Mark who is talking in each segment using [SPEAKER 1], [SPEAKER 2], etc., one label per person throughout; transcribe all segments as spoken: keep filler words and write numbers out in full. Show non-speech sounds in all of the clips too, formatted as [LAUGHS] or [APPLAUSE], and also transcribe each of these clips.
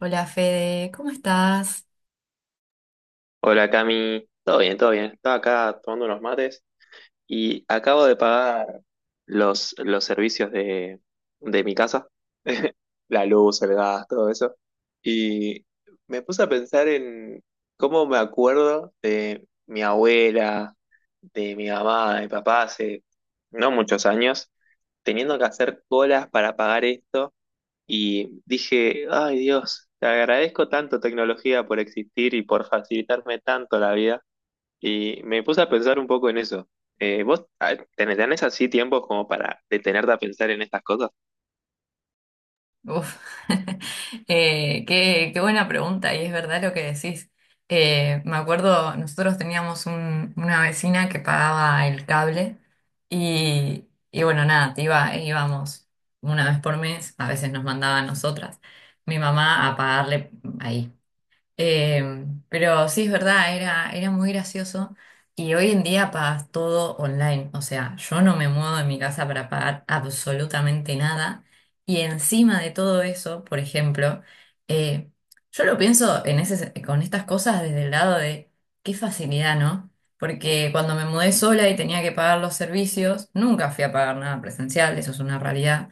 [SPEAKER 1] Hola Fede, ¿cómo estás?
[SPEAKER 2] Hola Cami, todo bien, todo bien. Estaba acá tomando unos mates y acabo de pagar los, los servicios de, de mi casa, [LAUGHS] la luz, el gas, todo eso. Y me puse a pensar en cómo me acuerdo de mi abuela, de mi mamá, de mi papá hace no muchos años, teniendo que hacer colas para pagar esto. Y dije, ay Dios, te agradezco tanto tecnología por existir y por facilitarme tanto la vida y me puse a pensar un poco en eso. Eh, ¿vos ah, tenés, tenés así tiempos como para detenerte a pensar en estas cosas?
[SPEAKER 1] Uf, [LAUGHS] eh, qué, qué buena pregunta, y es verdad lo que decís. Eh, me acuerdo, nosotros teníamos un- una vecina que pagaba el cable y, y bueno, nada, te iba, íbamos una vez por mes, a veces nos mandaba a nosotras, mi mamá, a pagarle ahí. Eh, pero sí, es verdad, era, era muy gracioso. Y hoy en día pagas todo online. O sea, yo no me muevo de mi casa para pagar absolutamente nada. Y encima de todo eso, por ejemplo, eh, yo lo pienso en ese, se- con estas cosas desde el lado de qué facilidad, ¿no? Porque cuando me mudé sola y tenía que pagar los servicios, nunca fui a pagar nada presencial, eso es una realidad.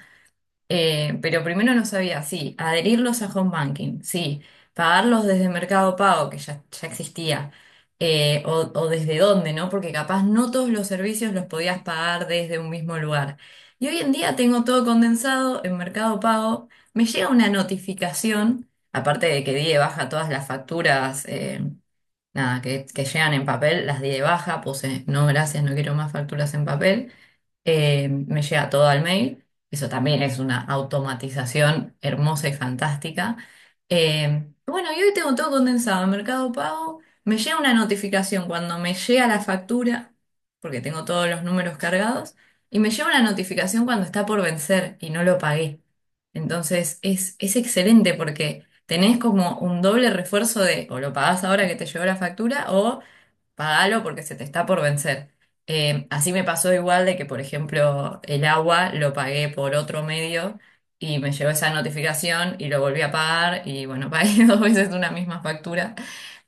[SPEAKER 1] Eh, pero primero no sabía, sí, adherirlos a home banking, sí, pagarlos desde Mercado Pago, que ya, ya existía, eh, o, o desde dónde, ¿no? Porque capaz no todos los servicios los podías pagar desde un mismo lugar. Y hoy en día tengo todo condensado en Mercado Pago, me llega una notificación, aparte de que di de baja todas las facturas, eh, nada, que, que llegan en papel, las di de baja, puse no gracias, no quiero más facturas en papel, eh, me llega todo al mail, eso también es una automatización hermosa y fantástica. Eh, bueno, y hoy tengo todo condensado en Mercado Pago, me llega una notificación cuando me llega la factura, porque tengo todos los números cargados, y me llega una notificación cuando está por vencer y no lo pagué. Entonces es, es excelente porque tenés como un doble refuerzo de o lo pagás ahora que te llegó la factura o pagalo porque se te está por vencer. Eh, así me pasó igual de que, por ejemplo, el agua lo pagué por otro medio y me llegó esa notificación y lo volví a pagar y bueno, [LAUGHS] pagué dos veces una misma factura.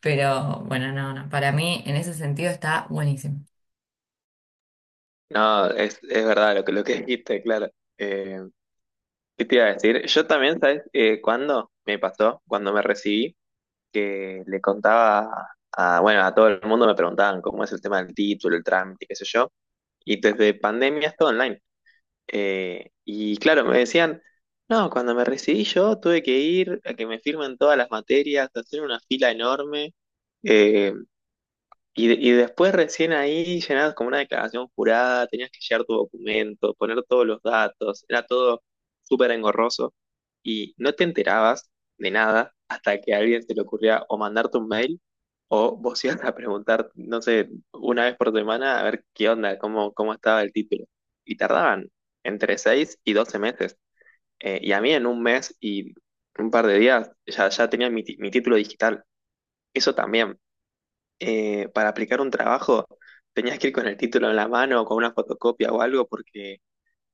[SPEAKER 1] Pero bueno, no, no, para mí en ese sentido está buenísimo.
[SPEAKER 2] No, es, es verdad lo que, lo que dijiste, claro. Eh, ¿qué te iba a decir? Yo también, ¿sabes? Eh, ¿cuándo me pasó? Cuando me recibí, que le contaba a, bueno, a todo el mundo me preguntaban cómo es el tema del título, el trámite, qué sé yo. Y desde pandemia es todo online. Eh, y claro, me decían... No, cuando me recibí yo tuve que ir a que me firmen todas las materias, hacer una fila enorme. Eh, y, de- y después recién ahí llenabas como una declaración jurada, tenías que llenar tu documento, poner todos los datos, era todo súper engorroso y no te enterabas de nada hasta que a alguien se le ocurría o mandarte un mail o vos [LAUGHS] ibas a preguntar, no sé, una vez por semana a ver qué onda, cómo, cómo estaba el título. Y tardaban entre seis y doce meses. Eh, y a mí en un mes y un par de días ya, ya tenía mi, ti- mi título digital. Eso también eh, para aplicar un trabajo tenías que ir con el título en la mano o con una fotocopia o algo porque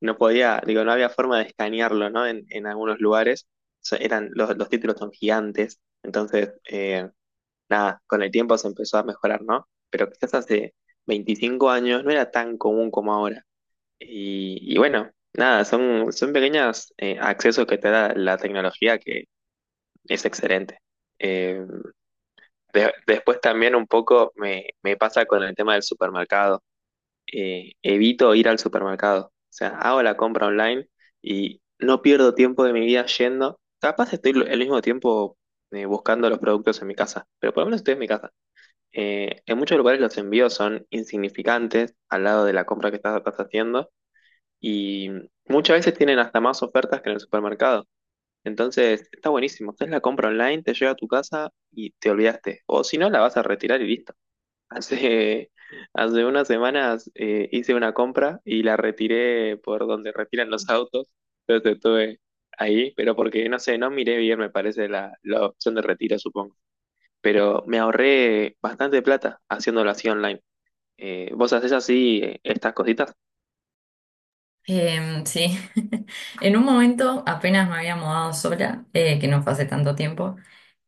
[SPEAKER 2] no podía, digo, no había forma de escanearlo, ¿no? En, en algunos lugares so- eran, los, los títulos son gigantes, entonces, eh, nada, con el tiempo se empezó a mejorar, ¿no? Pero quizás hace veinticinco años no era tan común como ahora. Y, y bueno, nada, son, son pequeños eh, accesos que te da la tecnología que es excelente. Eh, de- después también un poco me, me pasa con el tema del supermercado. Eh, evito ir al supermercado. O sea, hago la compra online y no pierdo tiempo de mi vida yendo. Capaz estoy lo- el mismo tiempo eh, buscando los productos en mi casa, pero por lo menos estoy en mi casa. Eh, en muchos lugares los envíos son insignificantes al lado de la compra que estás, estás haciendo y muchas veces tienen hasta más ofertas que en el supermercado. Entonces, está buenísimo. Haces la compra online, te llega a tu casa y te olvidaste. O si no, la vas a retirar y listo. [LAUGHS] Hace, hace unas semanas eh, hice una compra y la retiré por donde retiran los autos. Entonces estuve ahí, pero porque no sé, no miré bien, me parece, la, la opción de retiro, supongo. Pero me ahorré bastante plata haciéndolo así online. Eh, ¿vos hacés así eh, estas cositas?
[SPEAKER 1] Em, sí, [LAUGHS] en un momento apenas me había mudado sola, eh, que no fue hace tanto tiempo.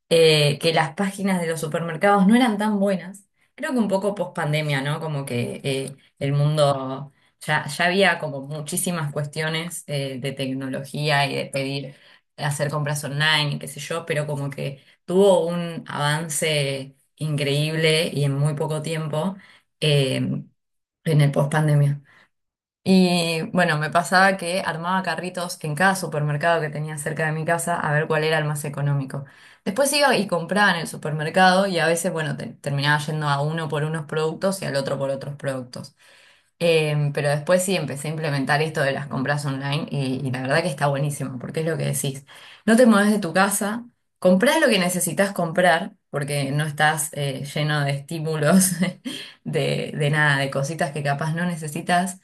[SPEAKER 1] eh, que las páginas de los supermercados no eran tan buenas. Creo que un poco post pandemia, ¿no? Como que eh, el mundo ya, ya había como muchísimas cuestiones eh, de tecnología y de pedir, hacer compras online y qué sé yo, pero como que tuvo un avance increíble y en muy poco tiempo eh, en el post pandemia. Y bueno, me pasaba que armaba carritos en cada supermercado que tenía cerca de mi casa a ver cuál era el más económico. Después iba y compraba en el supermercado y a veces, bueno, te- terminaba yendo a uno por unos productos y al otro por otros productos. Em, pero después sí empecé a implementar esto de las compras online y, y la verdad que está buenísimo, porque es lo que decís. No te mueves de tu casa, comprás lo que necesitas comprar, porque no estás eh, lleno de estímulos, [LAUGHS] de, de nada, de cositas que capaz no necesitas.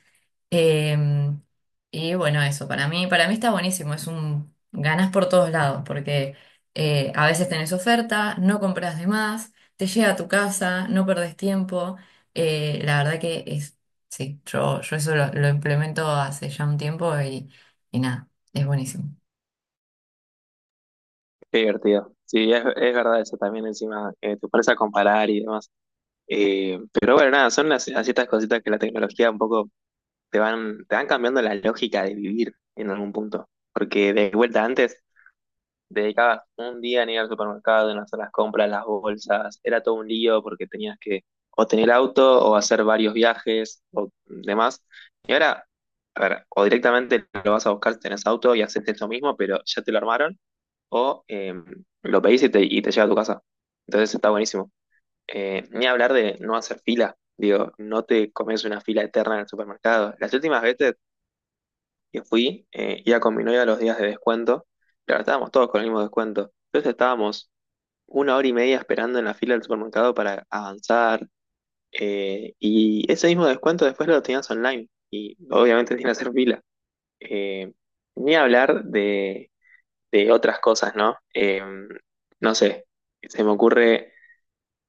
[SPEAKER 1] Em, y bueno, eso, para mí, para mí está buenísimo, es un ganas por todos lados, porque eh, a veces tenés oferta, no compras de más, te llega a tu casa, no perdés tiempo, eh, la verdad que es Sí, yo, yo eso lo, lo implemento hace ya un tiempo y, y nada, es buenísimo.
[SPEAKER 2] Qué divertido. Sí, es, es verdad eso también encima, eh, te pones a comparar y demás. Eh, pero bueno, nada, son las, las ciertas cositas que la tecnología un poco te van, te van cambiando la lógica de vivir en algún punto. Porque de vuelta antes dedicabas un día en ir al supermercado, en hacer las compras, las bolsas, era todo un lío porque tenías que o tener auto o hacer varios viajes o demás. Y ahora, a ver, o directamente lo vas a buscar si tenés auto y haces eso mismo, pero ya te lo armaron, o eh, lo pedís y te, y te llega a tu casa. Entonces está buenísimo. Eh, ni hablar de no hacer fila, digo, no te comes una fila eterna en el supermercado. Las últimas veces que fui, eh, iba con mi novia los días de descuento, claro, estábamos todos con el mismo descuento, entonces estábamos una hora y media esperando en la fila del supermercado para avanzar, eh, y ese mismo descuento después lo tenías online, y obviamente sin hacer fila. Eh, ni hablar de, de otras cosas, ¿no? Em, no sé, se me ocurre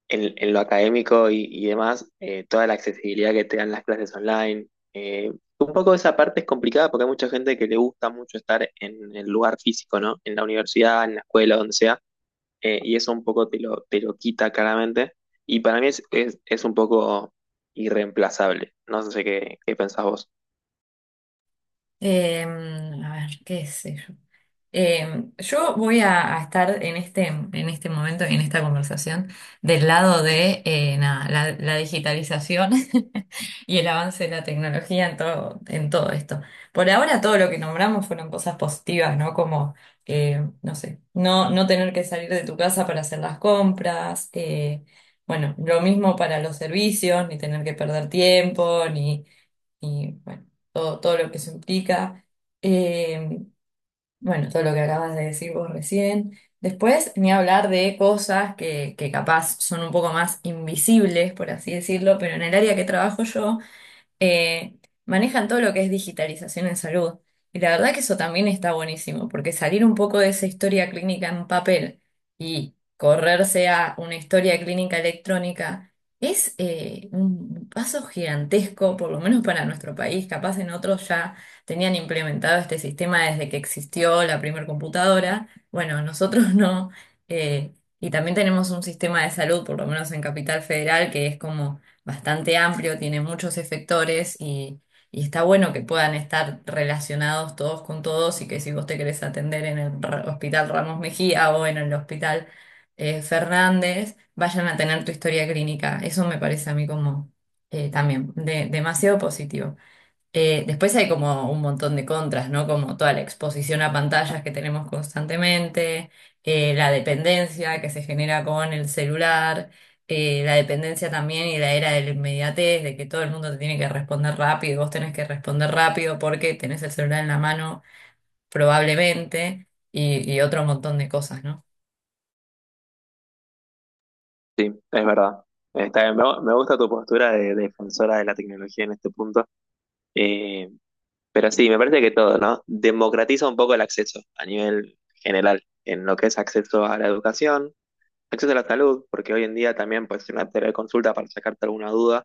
[SPEAKER 2] en, en lo académico y, y demás, eh, toda la accesibilidad que te dan las clases online. eh, un poco esa parte es complicada porque hay mucha gente que le gusta mucho estar en el lugar físico, ¿no? En la universidad, en la escuela, donde sea, eh, y eso un poco te lo, te lo quita claramente. Y para mí es, es, es un poco irreemplazable. No sé qué, qué pensás vos.
[SPEAKER 1] Em, a ver, qué sé yo. Em, yo voy a, a estar en este, en este momento, en esta conversación, del lado de eh, nada, la, la digitalización [LAUGHS] y el avance de la tecnología en todo, en todo esto. Por ahora todo lo que nombramos fueron cosas positivas, ¿no? Como, eh, no sé, no, no tener que salir de tu casa para hacer las compras, eh, bueno, lo mismo para los servicios, ni tener que perder tiempo, ni, ni, bueno, todo, todo lo que eso implica. Eh, bueno, todo lo que acabas de decir vos recién. Después, ni hablar de cosas que, que capaz son un poco más invisibles, por así decirlo, pero en el área que trabajo yo, eh, manejan todo lo que es digitalización en salud. Y la verdad que eso también está buenísimo, porque salir un poco de esa historia clínica en papel y correrse a una historia clínica electrónica es eh, un paso gigantesco, por lo menos para nuestro país. Capaz en otros ya tenían implementado este sistema desde que existió la primer computadora. Bueno, nosotros [LAUGHS] no. eh, y también tenemos un sistema de salud, por lo menos en Capital Federal, que es como bastante amplio, tiene muchos efectores y, y está bueno que puedan estar relacionados todos con todos y que si vos te querés atender en el Ra- Hospital Ramos Mejía o en el Hospital eh, Fernández, vayan a tener tu historia clínica. Eso me parece a mí como eh, también de- demasiado positivo. Eh, después hay como un montón de contras, ¿no? Como toda la exposición a pantallas que tenemos constantemente, eh, la dependencia que se genera con el celular, eh, la dependencia también y la era de la inmediatez, de que todo el mundo te tiene que responder rápido, y vos tenés que responder rápido porque tenés el celular en la mano probablemente y, y otro montón de cosas, ¿no?
[SPEAKER 2] Sí, es verdad. Está bien. Me, me gusta tu postura de defensora de la tecnología en este punto. Eh, Pero sí, me parece que todo, ¿no? Democratiza un poco el acceso a nivel general, en lo que es acceso a la educación, acceso a la salud, porque hoy en día también puedes hacer una teleconsulta para sacarte alguna duda,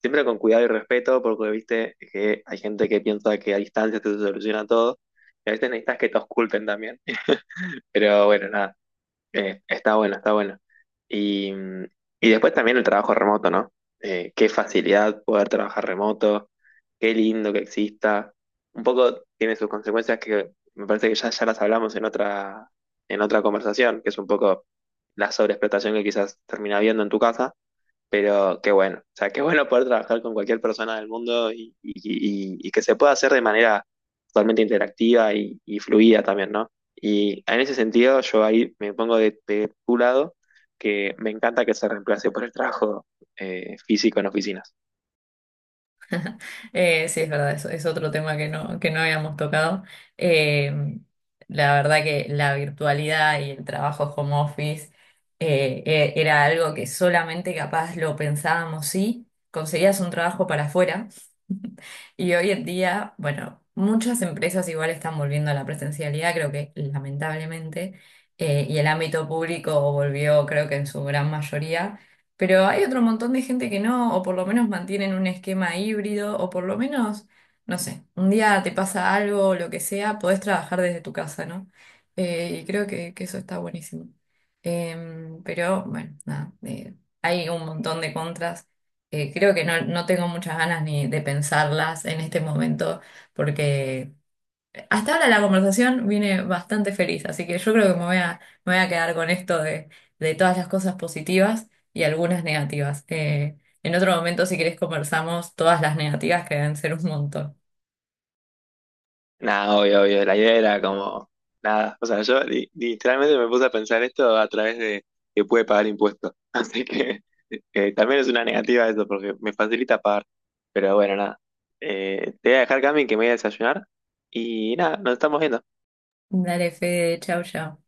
[SPEAKER 2] siempre con cuidado y respeto, porque viste que hay gente que piensa que a distancia te soluciona todo, y a veces necesitas que te oculten también. Pero bueno, nada. Eh, está bueno, está bueno. Y, mm, y después también el trabajo remoto, ¿no? Eh, qué facilidad poder trabajar remoto, qué lindo que exista. Un poco tiene sus consecuencias que me parece que ya, ya las hablamos en otra, en otra conversación, que es un poco la sobreexplotación que quizás termina habiendo en tu casa. Pero qué bueno, o sea, qué bueno poder trabajar con cualquier persona del mundo y, y- y- y que se pueda hacer de manera totalmente interactiva y, y fluida también, ¿no? Y en ese sentido, yo ahí me pongo de, de tu lado, que me encanta que se reemplace por el trabajo eh, físico en oficinas.
[SPEAKER 1] Eh, sí, es verdad, es, es otro tema que no, que no habíamos tocado. Eh, la verdad que la virtualidad y el trabajo home office eh, e- era algo que solamente capaz lo pensábamos si conseguías un trabajo para afuera. Y hoy en día, bueno, muchas empresas igual están volviendo a la presencialidad, creo que lamentablemente, eh, y el ámbito público volvió, creo que en su gran mayoría, pero hay otro montón de gente que no, o por lo menos mantienen un esquema híbrido, o por lo menos, no sé, un día te pasa algo, o lo que sea, podés trabajar desde tu casa, ¿no? Eh, y creo que, que eso está buenísimo. Em, pero bueno, nada, eh, hay un montón de contras eh, creo que no, no tengo muchas ganas ni de pensarlas en este momento, porque hasta ahora la conversación viene bastante feliz, así que yo creo que me voy a, me voy a quedar con esto de, de todas las cosas positivas y algunas negativas. Eh, en otro momento, si querés, conversamos todas las negativas que deben ser un montón.
[SPEAKER 2] Nada, obvio, obvio. La idea era como nada. O sea, yo li- literalmente me puse a pensar esto a través de que puede pagar impuestos. [LAUGHS] Así que eh, también es una negativa eso, porque me facilita pagar. Pero bueno, nada. Eh, te voy a dejar, Cami, que me voy a desayunar. Y nada, nos estamos viendo.
[SPEAKER 1] Dale, Fede, chau, chau.